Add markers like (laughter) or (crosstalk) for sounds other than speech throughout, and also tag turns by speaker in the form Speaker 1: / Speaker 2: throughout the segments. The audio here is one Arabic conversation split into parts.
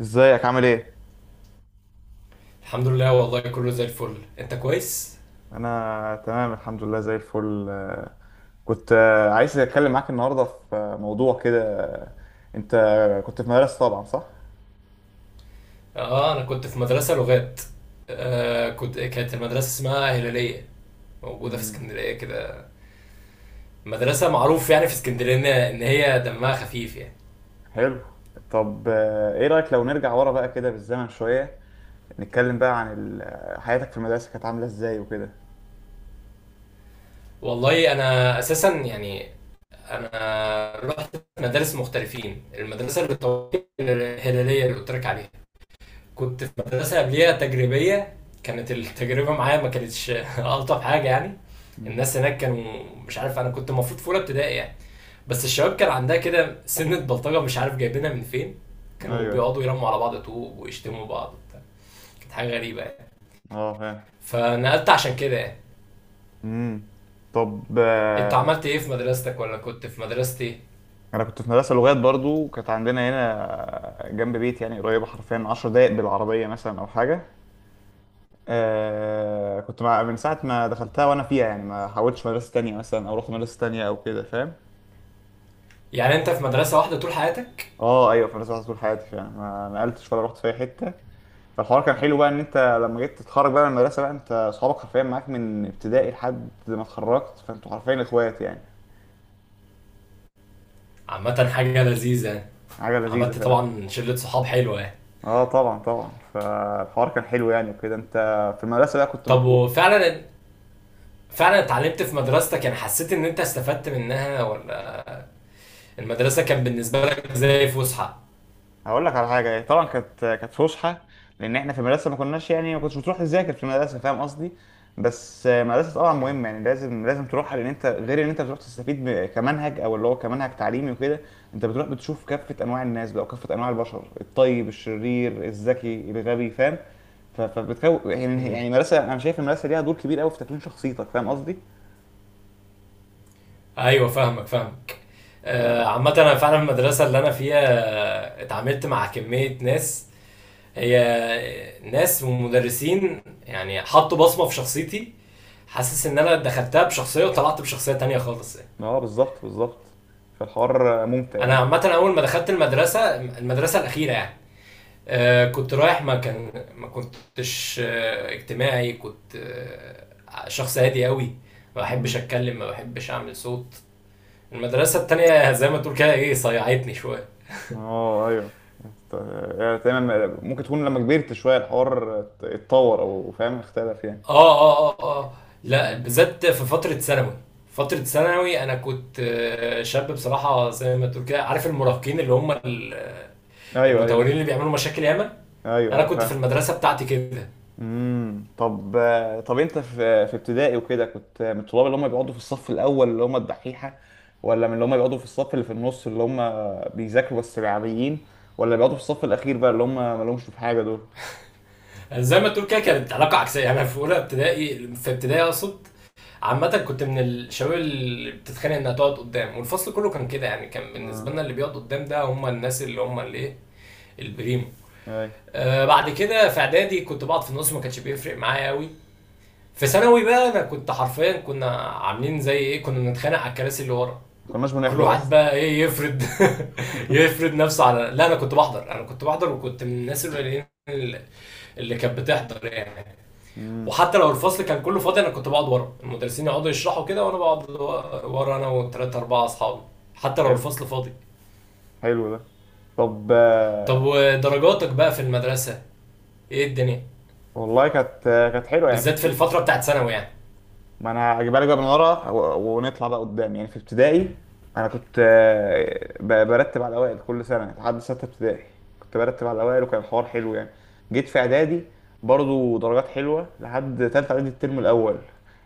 Speaker 1: ازيك عامل ايه؟
Speaker 2: الحمد لله والله كله زي الفل. انت كويس؟
Speaker 1: انا تمام الحمد لله زي الفل. كنت عايز اتكلم معاك النهارده في موضوع كده انت كنت في مدرسة طبعا صح؟
Speaker 2: اه، انا كنت في مدرسة لغات. آه كنت كانت المدرسة اسمها هلالية، موجودة في
Speaker 1: امم.
Speaker 2: اسكندرية كده. مدرسة معروف يعني في اسكندرية ان هي دمها خفيف يعني.
Speaker 1: حلو. طب ايه رأيك لو نرجع ورا بقى كده بالزمن شوية، نتكلم بقى عن حياتك في المدرسة كانت عاملة ازاي وكده.
Speaker 2: والله انا اساسا يعني، انا رحت مدارس مختلفين. المدرسة اللي الهلالية اللي قلت لك عليها، كنت في مدرسة قبليها تجريبية. كانت التجربة معايا ما كانتش (laughs) ألطف حاجة يعني.
Speaker 1: امم.
Speaker 2: الناس هناك كانوا، مش عارف، انا كنت المفروض في اولى ابتدائي يعني، بس الشباب كان عندها كده سنة بلطجة مش عارف جايبينها من فين. كانوا
Speaker 1: ايوه.
Speaker 2: بيقعدوا يرموا على بعض طوب ويشتموا بعض وبتاع. كانت حاجة غريبة يعني.
Speaker 1: اه فاهم.
Speaker 2: فنقلت عشان كده يعني.
Speaker 1: امم. طب
Speaker 2: انت عملت ايه في مدرستك ولا كنت في مدرستي ايه؟
Speaker 1: انا كنت في مدرسة لغات برضو، كانت عندنا هنا جنب بيتي يعني قريبة حرفيا 10 دقايق بالعربية مثلا او حاجة. كنت مع من ساعة ما دخلتها وأنا فيها، يعني ما حاولتش مدرسة تانية مثلا أو رحت مدرسة تانية أو كده فاهم.
Speaker 2: يعني انت في مدرسة واحدة طول حياتك؟
Speaker 1: اه ايوه، في مدرسة واحدة طول حياتي فعلا، ما نقلتش ولا رحت في أي حتة. فالحوار كان حلو بقى إن أنت لما جيت تتخرج بقى من المدرسة بقى أنت أصحابك حرفيا معاك من ابتدائي لحد ما اتخرجت، فأنتوا حرفيا إخوات يعني.
Speaker 2: عامة حاجة لذيذة يعني.
Speaker 1: حاجة لذيذة
Speaker 2: عملت
Speaker 1: فعلا.
Speaker 2: طبعا شلة صحاب حلوة يعني.
Speaker 1: اه طبعا طبعا، فالحوار كان حلو يعني وكده. أنت في المدرسة بقى كنت
Speaker 2: طب،
Speaker 1: مطلوب.
Speaker 2: وفعلا، فعلا اتعلمت في مدرستك؟ يعني حسيت ان انت استفدت منها، ولا المدرسة كان بالنسبة لك زي فسحة؟
Speaker 1: هقول لك على حاجه إيه، طبعا كانت فسحه، لان احنا في المدرسه ما كناش يعني ما كنتش بتروح تذاكر في المدرسه، فاهم قصدي. بس المدرسه طبعا مهمه، يعني لازم لازم تروحها، لان انت غير ان انت بتروح تستفيد كمنهج او اللي هو كمنهج تعليمي وكده. انت بتروح بتشوف كافه انواع الناس بقى وكافه انواع البشر، الطيب الشرير الذكي الغبي فاهم. ف- فبتكون يعني المدرسه، انا شايف المدرسه ليها دور كبير قوي في تكوين شخصيتك، فاهم قصدي.
Speaker 2: ايوه، فاهمك فاهمك.
Speaker 1: ف-
Speaker 2: عامة انا فعلا في المدرسة اللي انا فيها اتعاملت مع كمية ناس، هي ناس ومدرسين، يعني حطوا بصمة في شخصيتي. حاسس ان انا دخلتها بشخصية وطلعت بشخصية تانية خالص يعني.
Speaker 1: اه بالظبط بالظبط. فالحوار ممتع
Speaker 2: انا عامة اول ما دخلت المدرسة الاخيرة، يعني كنت رايح، ما كنتش اجتماعي. كنت شخص هادي قوي، ما بحبش
Speaker 1: يعني.
Speaker 2: اتكلم، ما بحبش اعمل صوت. المدرسة التانية زي ما تقول كده ايه، صيعتني شوية.
Speaker 1: اه ايوه. است- يعني تمام، ممكن تكون لما كبرت شويه الحوار ات- اتطور او فاهم اختلف يعني.
Speaker 2: اه، اه، اه، اه، لا،
Speaker 1: مم.
Speaker 2: بالذات في فترة ثانوي. فترة ثانوي انا كنت شاب بصراحة، زي ما تقول كده، عارف المراهقين اللي هم
Speaker 1: ايوه
Speaker 2: المتورين
Speaker 1: ايوه
Speaker 2: اللي بيعملوا مشاكل ياما.
Speaker 1: ايوه
Speaker 2: انا
Speaker 1: ايوه
Speaker 2: كنت في
Speaker 1: فاهم.
Speaker 2: المدرسة بتاعتي كده.
Speaker 1: امم. طب انت في ابتدائي وكده كنت من الطلاب اللي هم بيقعدوا في الصف الاول اللي هم الدحيحه، ولا من اللي هم بيقعدوا في الصف اللي في النص اللي هم بيذاكروا بس العاديين، ولا بيقعدوا في الصف الاخير بقى اللي هم مالهمش في حاجه دول.
Speaker 2: يعني زي ما تقول كده كانت علاقة عكسية. يعني انا في اولى ابتدائي، في ابتدائي اقصد، عامة كنت من الشباب اللي بتتخانق انها تقعد قدام، والفصل كله كان كده. يعني كان بالنسبة
Speaker 1: اه
Speaker 2: لنا، اللي بيقعد قدام ده هم الناس اللي هم اللي ايه، البريم.
Speaker 1: ايوه
Speaker 2: بعد كده في اعدادي كنت بقعد في النص، ما كانش بيفرق معايا قوي. في ثانوي بقى انا كنت حرفيا، كنا عاملين زي ايه، كنا بنتخانق على الكراسي اللي ورا.
Speaker 1: ما كناش
Speaker 2: كل
Speaker 1: بنحضر
Speaker 2: واحد
Speaker 1: اصلا.
Speaker 2: بقى ايه، يفرد (laughs) يفرد نفسه على... لا، انا كنت بحضر، وكنت من الناس القليلين اللي كانت بتحضر يعني.
Speaker 1: امم.
Speaker 2: وحتى لو الفصل كان كله فاضي، انا كنت بقعد ورا. المدرسين يقعدوا يشرحوا كده وانا بقعد ورا، انا وثلاثة اربعة اصحابي، حتى لو
Speaker 1: حلو.
Speaker 2: الفصل فاضي.
Speaker 1: حلو ده. طب
Speaker 2: طب، ودرجاتك بقى في المدرسة، ايه الدنيا؟
Speaker 1: والله كانت حلوه يعني، في
Speaker 2: بالذات في الفترة بتاعت ثانوي يعني.
Speaker 1: ما انا هجيبها لك بقى من ورا ونطلع بقى قدام. يعني في ابتدائي انا كنت برتب على الاوائل كل سنه يعني، لحد سته ابتدائي كنت برتب على الاوائل وكان الحوار حلو يعني. جيت في اعدادي برضو درجات حلوه لحد تالته اعدادي الترم الاول.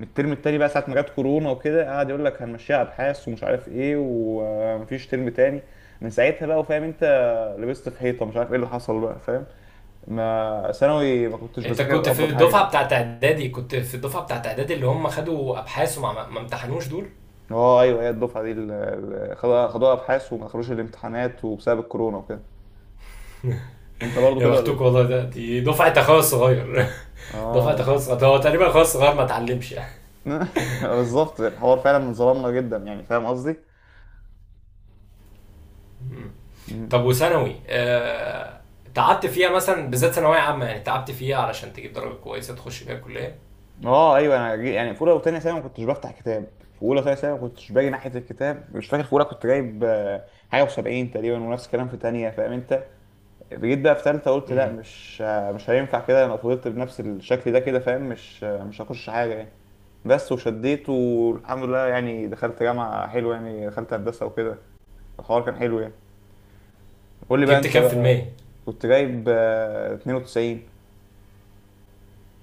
Speaker 1: من الترم التاني بقى ساعه ما جت كورونا وكده، قعد يقول لك هنمشيها ابحاث ومش عارف ايه ومفيش ترم تاني. من ساعتها بقى وفاهم انت، لبست في حيطه، مش عارف ايه اللي حصل بقى فاهم. ما ثانوي ما كنتش
Speaker 2: انت
Speaker 1: بذاكر
Speaker 2: كنت في
Speaker 1: افضل حاجه
Speaker 2: الدفعه
Speaker 1: يعني.
Speaker 2: بتاعت اعدادي، اللي هم خدوا ابحاث وما ما ما امتحنوش دول؟
Speaker 1: اه ايوه، هي الدفعه دي اللي خدوها خدوها ابحاث وما دخلوش الامتحانات وبسبب الكورونا وكده. انت برضو
Speaker 2: يا
Speaker 1: كده ولا
Speaker 2: بختوك
Speaker 1: ايه؟
Speaker 2: والله. ده دفعه اخويا الصغير. (laughs) دفعه اخويا
Speaker 1: اه.
Speaker 2: الصغير، هو تقريبا اخويا الصغير ما اتعلمش يعني.
Speaker 1: (laughs) بالظبط، الحوار فعلا ظلمنا جدا يعني، فاهم قصدي؟
Speaker 2: مم.
Speaker 1: مم.
Speaker 2: طب، وثانوي. تعبت فيها مثلا، بالذات ثانويه عامه، يعني تعبت فيها علشان تجيب درجه كويسه تخش بيها الكليه؟
Speaker 1: اه ايوه، انا يعني في اولى وثانيه ثانوي ما كنتش بفتح كتاب، في اولى وثانيه ثانوي ما كنتش باجي ناحيه الكتاب. مش فاكر، في اولى كنت جايب حاجه و70 تقريبا، ونفس الكلام في ثانيه فاهم انت. جيت بقى في تالتة قلت لا،
Speaker 2: مم.
Speaker 1: مش هينفع كده، انا فضلت بنفس الشكل ده كده فاهم، مش هخش حاجة يعني. بس وشديت والحمد لله يعني، دخلت جامعة حلوة يعني، دخلت هندسة وكده. الحوار كان حلو يعني. قول لي بقى
Speaker 2: جبت
Speaker 1: انت
Speaker 2: كام في
Speaker 1: بقى.
Speaker 2: المية؟
Speaker 1: كنت جايب 92.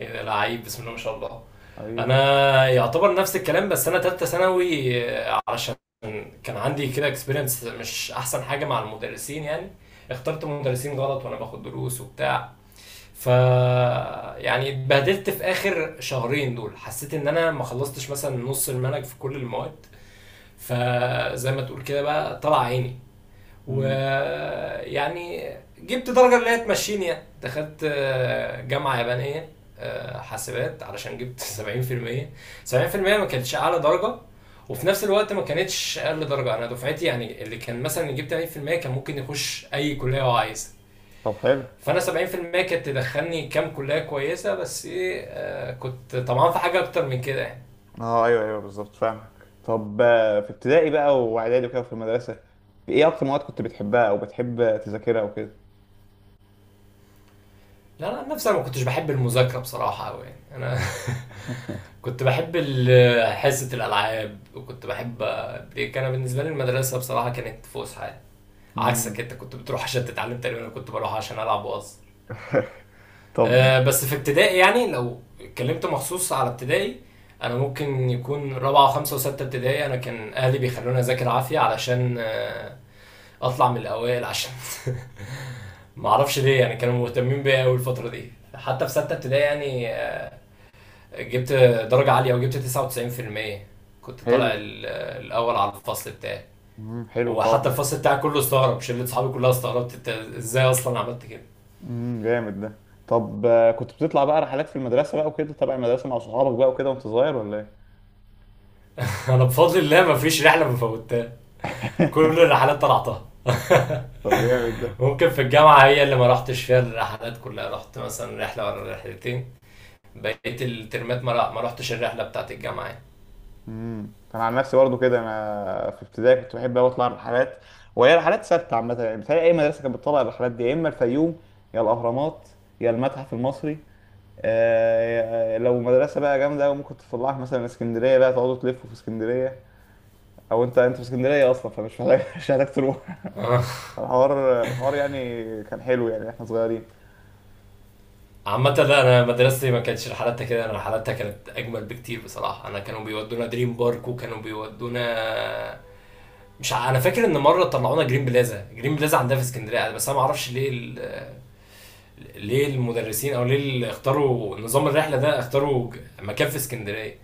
Speaker 2: ايه ده، لعيب، بسم الله ما شاء الله.
Speaker 1: ايوه.
Speaker 2: انا يعتبر نفس الكلام، بس انا تالتة ثانوي علشان كان عندي كده اكسبيرينس مش احسن حاجه مع المدرسين يعني. اخترت مدرسين غلط وانا باخد دروس وبتاع. ف يعني اتبهدلت في اخر شهرين دول، حسيت ان انا ما خلصتش مثلا نص المنهج في كل المواد. فزي ما تقول كده بقى طلع عيني
Speaker 1: مم.
Speaker 2: ويعني، جبت درجة اللي هي تمشيني، يعني دخلت جامعة يابانية، حاسبات، علشان جبت (laughs) 70%. ما كانتش أعلى درجة، وفي نفس الوقت ما كانتش أقل درجة. أنا دفعتي يعني، اللي كان مثلا يجيب 80% كان ممكن يخش أي كلية هو عايزها،
Speaker 1: طب حلو.
Speaker 2: فأنا 70% كانت تدخلني كام كلية كويسة، بس إيه، كنت طمعان في حاجة أكتر من كده يعني.
Speaker 1: اه ايوه ايوه بالظبط فاهمك. طب في ابتدائي بقى واعدادي وكده في المدرسة، ايه اكتر مواد كنت بتحبها او بتحب تذاكرها وكده.
Speaker 2: لا، أنا نفسي، ما كنتش بحب المذاكرة بصراحة أوي، يعني أنا (laughs) كنت بحب حصة الألعاب، وكنت بحب بريك. أنا بالنسبة لي المدرسة بصراحة كانت فسحة. عكسك،
Speaker 1: مم.
Speaker 2: أنت كنت بتروح عشان تتعلم، تقريبا أنا كنت بروح عشان ألعب وأهزر.
Speaker 1: (laughs) طب
Speaker 2: بس في ابتدائي يعني، لو اتكلمت مخصوص على ابتدائي، أنا ممكن يكون رابعة وخمسة وستة ابتدائي، أنا كان أهلي بيخلوني أذاكر عافية علشان أطلع من الأوائل، عشان (laughs) معرفش ليه، يعني كانوا مهتمين بيا أوي الفترة دي. حتى في ستة ابتدائي يعني جبت درجة عالية، وجبت 99%. كنت
Speaker 1: حلو.
Speaker 2: طالع الأول على الفصل بتاعي.
Speaker 1: مم. حلو
Speaker 2: وحتى
Speaker 1: طبعا.
Speaker 2: الفصل بتاعي كله استغرب، شلة صحابي كلها استغربت، انت ازاي اصلا عملت كده.
Speaker 1: جامد ده. طب كنت بتطلع بقى رحلات في المدرسة بقى وكده تبع المدرسة مع صحابك بقى وكده وانت صغير ولا ايه؟
Speaker 2: (laughs) انا بفضل الله ما فيش رحلة ما فوتها، كل
Speaker 1: (laughs)
Speaker 2: الرحلات طلعتها. (laughs)
Speaker 1: طب جامد ده.
Speaker 2: ممكن في الجامعة هي اللي ما رحتش فيها الرحلات كلها، رحت مثلا رحلة ولا رحلتين، بقيت الترمات ما رحتش الرحلة بتاعت الجامعة يعني.
Speaker 1: امم، انا عن نفسي برضه كده، انا في ابتدائي كنت بحب قوي اطلع رحلات، وهي رحلات ثابته عامه يعني، بتهيألي اي مدرسه كانت بتطلع الرحلات دي، يا اما الفيوم يا الاهرامات يا المتحف المصري. آه لو مدرسه بقى جامده ممكن تطلعك مثلا اسكندريه، بقى تقعدوا تلفوا في اسكندريه. او انت في اسكندريه اصلا فمش محتاج، (laughs) مش محتاج تروح.
Speaker 2: (laughs)
Speaker 1: الحوار يعني كان حلو يعني، احنا صغيرين.
Speaker 2: عامة لا، انا مدرستي ما كانتش رحلاتها كده، انا رحلاتها كانت اجمل بكتير بصراحة. انا كانوا بيودونا دريم بارك، وكانوا بيودونا مش ع... انا فاكر ان مرة طلعونا جرين بلازا. جرين بلازا عندها في اسكندرية، بس انا ما اعرفش ليه ليه المدرسين، او ليه اللي اختاروا نظام الرحلة ده اختاروا مكان في اسكندرية.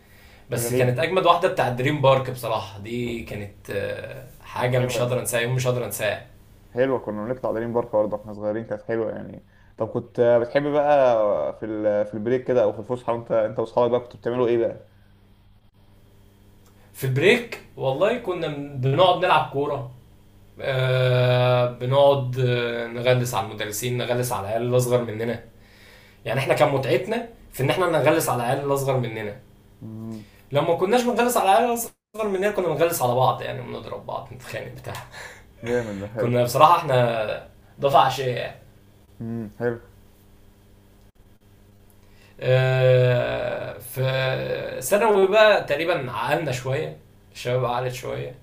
Speaker 2: بس
Speaker 1: غريبة
Speaker 2: كانت
Speaker 1: كده.
Speaker 2: اجمد واحدة بتاع دريم بارك بصراحة، دي كانت
Speaker 1: كانت
Speaker 2: حاجة
Speaker 1: حلوة
Speaker 2: مش هقدر
Speaker 1: يعني.
Speaker 2: انساها، يوم مش هقدر انساه.
Speaker 1: حلوة، كنا بنطلع دريم بارك برضه واحنا صغيرين، كانت حلوة يعني. طب كنت بتحب بقى في في البريك كده او في الفسحة، وانت انت واصحابك بقى كنتوا بتعملوا ايه بقى؟
Speaker 2: في البريك والله كنا بنقعد نلعب كورة، بنقعد نغلس على المدرسين، نغلس على العيال الاصغر مننا. يعني احنا كان متعتنا في ان احنا نغلس على العيال الاصغر مننا.
Speaker 1: امم
Speaker 2: لما كناش بنغلس على العيال الاصغر مننا، كنا بنغلس على بعض، يعني بنضرب بعض نتخانق بتاع.
Speaker 1: جامد ده
Speaker 2: (applause)
Speaker 1: حلو.
Speaker 2: كنا بصراحه احنا دفعه عشيه يعني.
Speaker 1: حلو.
Speaker 2: في ثانوي بقى تقريبا عقلنا شويه، الشباب عقلت شويه.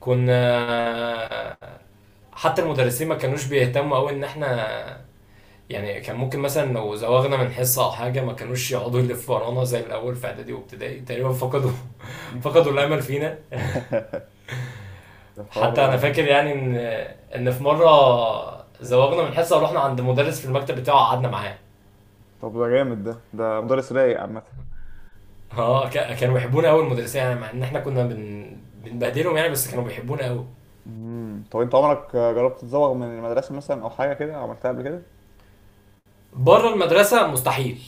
Speaker 2: كنا، حتى المدرسين ما كانوش بيهتموا قوي ان احنا، يعني كان ممكن مثلا لو زوغنا من حصة أو حاجة ما كانوش يقعدوا يلفوا ورانا زي الأول في إعدادي وابتدائي. تقريبا فقدوا (laughs)
Speaker 1: (laughs)
Speaker 2: فقدوا الأمل فينا.
Speaker 1: ده حوار.
Speaker 2: حتى أنا فاكر يعني إن في مرة زوغنا من حصة ورحنا عند مدرس في المكتب بتاعه، قعدنا معاه.
Speaker 1: طب ده جامد ده مدرس رايق عامة.
Speaker 2: اه، كانوا بيحبونا قوي المدرسين يعني، مع إن إحنا كنا بنبهدلهم يعني، بس كانوا بيحبونا قوي.
Speaker 1: امم، طب انت عمرك جربت تزوغ من المدرسة مثلا او حاجة كده عملتها قبل كده؟
Speaker 2: بره المدرسة مستحيل.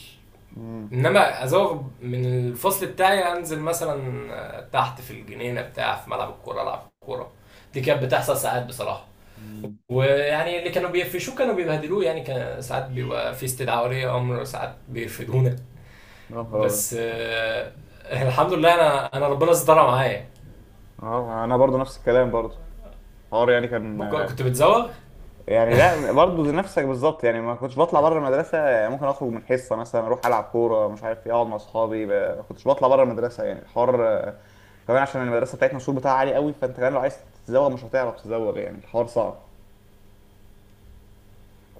Speaker 1: امم.
Speaker 2: انما ازوغ من الفصل بتاعي، انزل مثلا تحت في الجنينه بتاع، في ملعب الكوره العب كوره. دي كانت بتحصل ساعات بصراحه.
Speaker 1: امم.
Speaker 2: ويعني اللي كانوا بيقفشوه كانوا بيبهدلوه، يعني كان ساعات بيبقى في استدعاء ولي امر، ساعات بيرفدونا.
Speaker 1: يا نهار أبيض.
Speaker 2: بس الحمد لله. انا ربنا استرها معايا.
Speaker 1: اه انا برضو نفس الكلام برضو. حوار يعني كان،
Speaker 2: كنت بتزوغ.
Speaker 1: يعني لا برضه زي نفسك بالظبط يعني، ما كنتش بطلع بره المدرسه يعني، ممكن اخرج من حصه مثلا اروح العب كوره مش عارف ايه، اقعد مع اصحابي ما كنتش بطلع بره المدرسه يعني. الحوار كمان عشان المدرسه بتاعتنا السور بتاعها عالي قوي، فانت كمان لو عايز تزوغ مش هتعرف تزوغ يعني، الحوار صعب.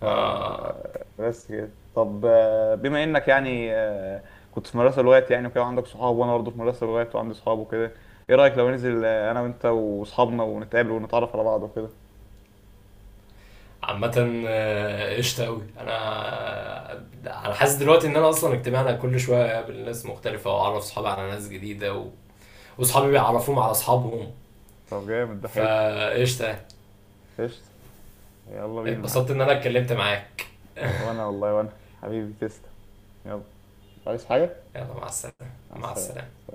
Speaker 2: آه
Speaker 1: بس كده. طب بما انك يعني كنت في مدرسه لغات يعني وكده عندك صحاب، وانا برضه في مدرسه لغات وعندي صحاب وكده، ايه رايك لو ننزل انا وانت واصحابنا ونتقابل ونتعرف على بعض وكده.
Speaker 2: عامة قشطة أوي أنا. أنا حاسس دلوقتي إن أنا أصلا اجتماعنا كل شوية، أقابل ناس مختلفة وأعرف صحابي على ناس جديدة واصحابي بيعرفوهم على اصحابهم.
Speaker 1: طب جامد ده حلو.
Speaker 2: فقشطه.
Speaker 1: قشطة. يلا بينا.
Speaker 2: اتبسطت ان انا اتكلمت معاك.
Speaker 1: يا- وانا والله وانا حبيبي تسلم. يلا، عايز حاجة؟
Speaker 2: يلا، مع السلامه
Speaker 1: مع
Speaker 2: مع
Speaker 1: السلامة.
Speaker 2: السلامه.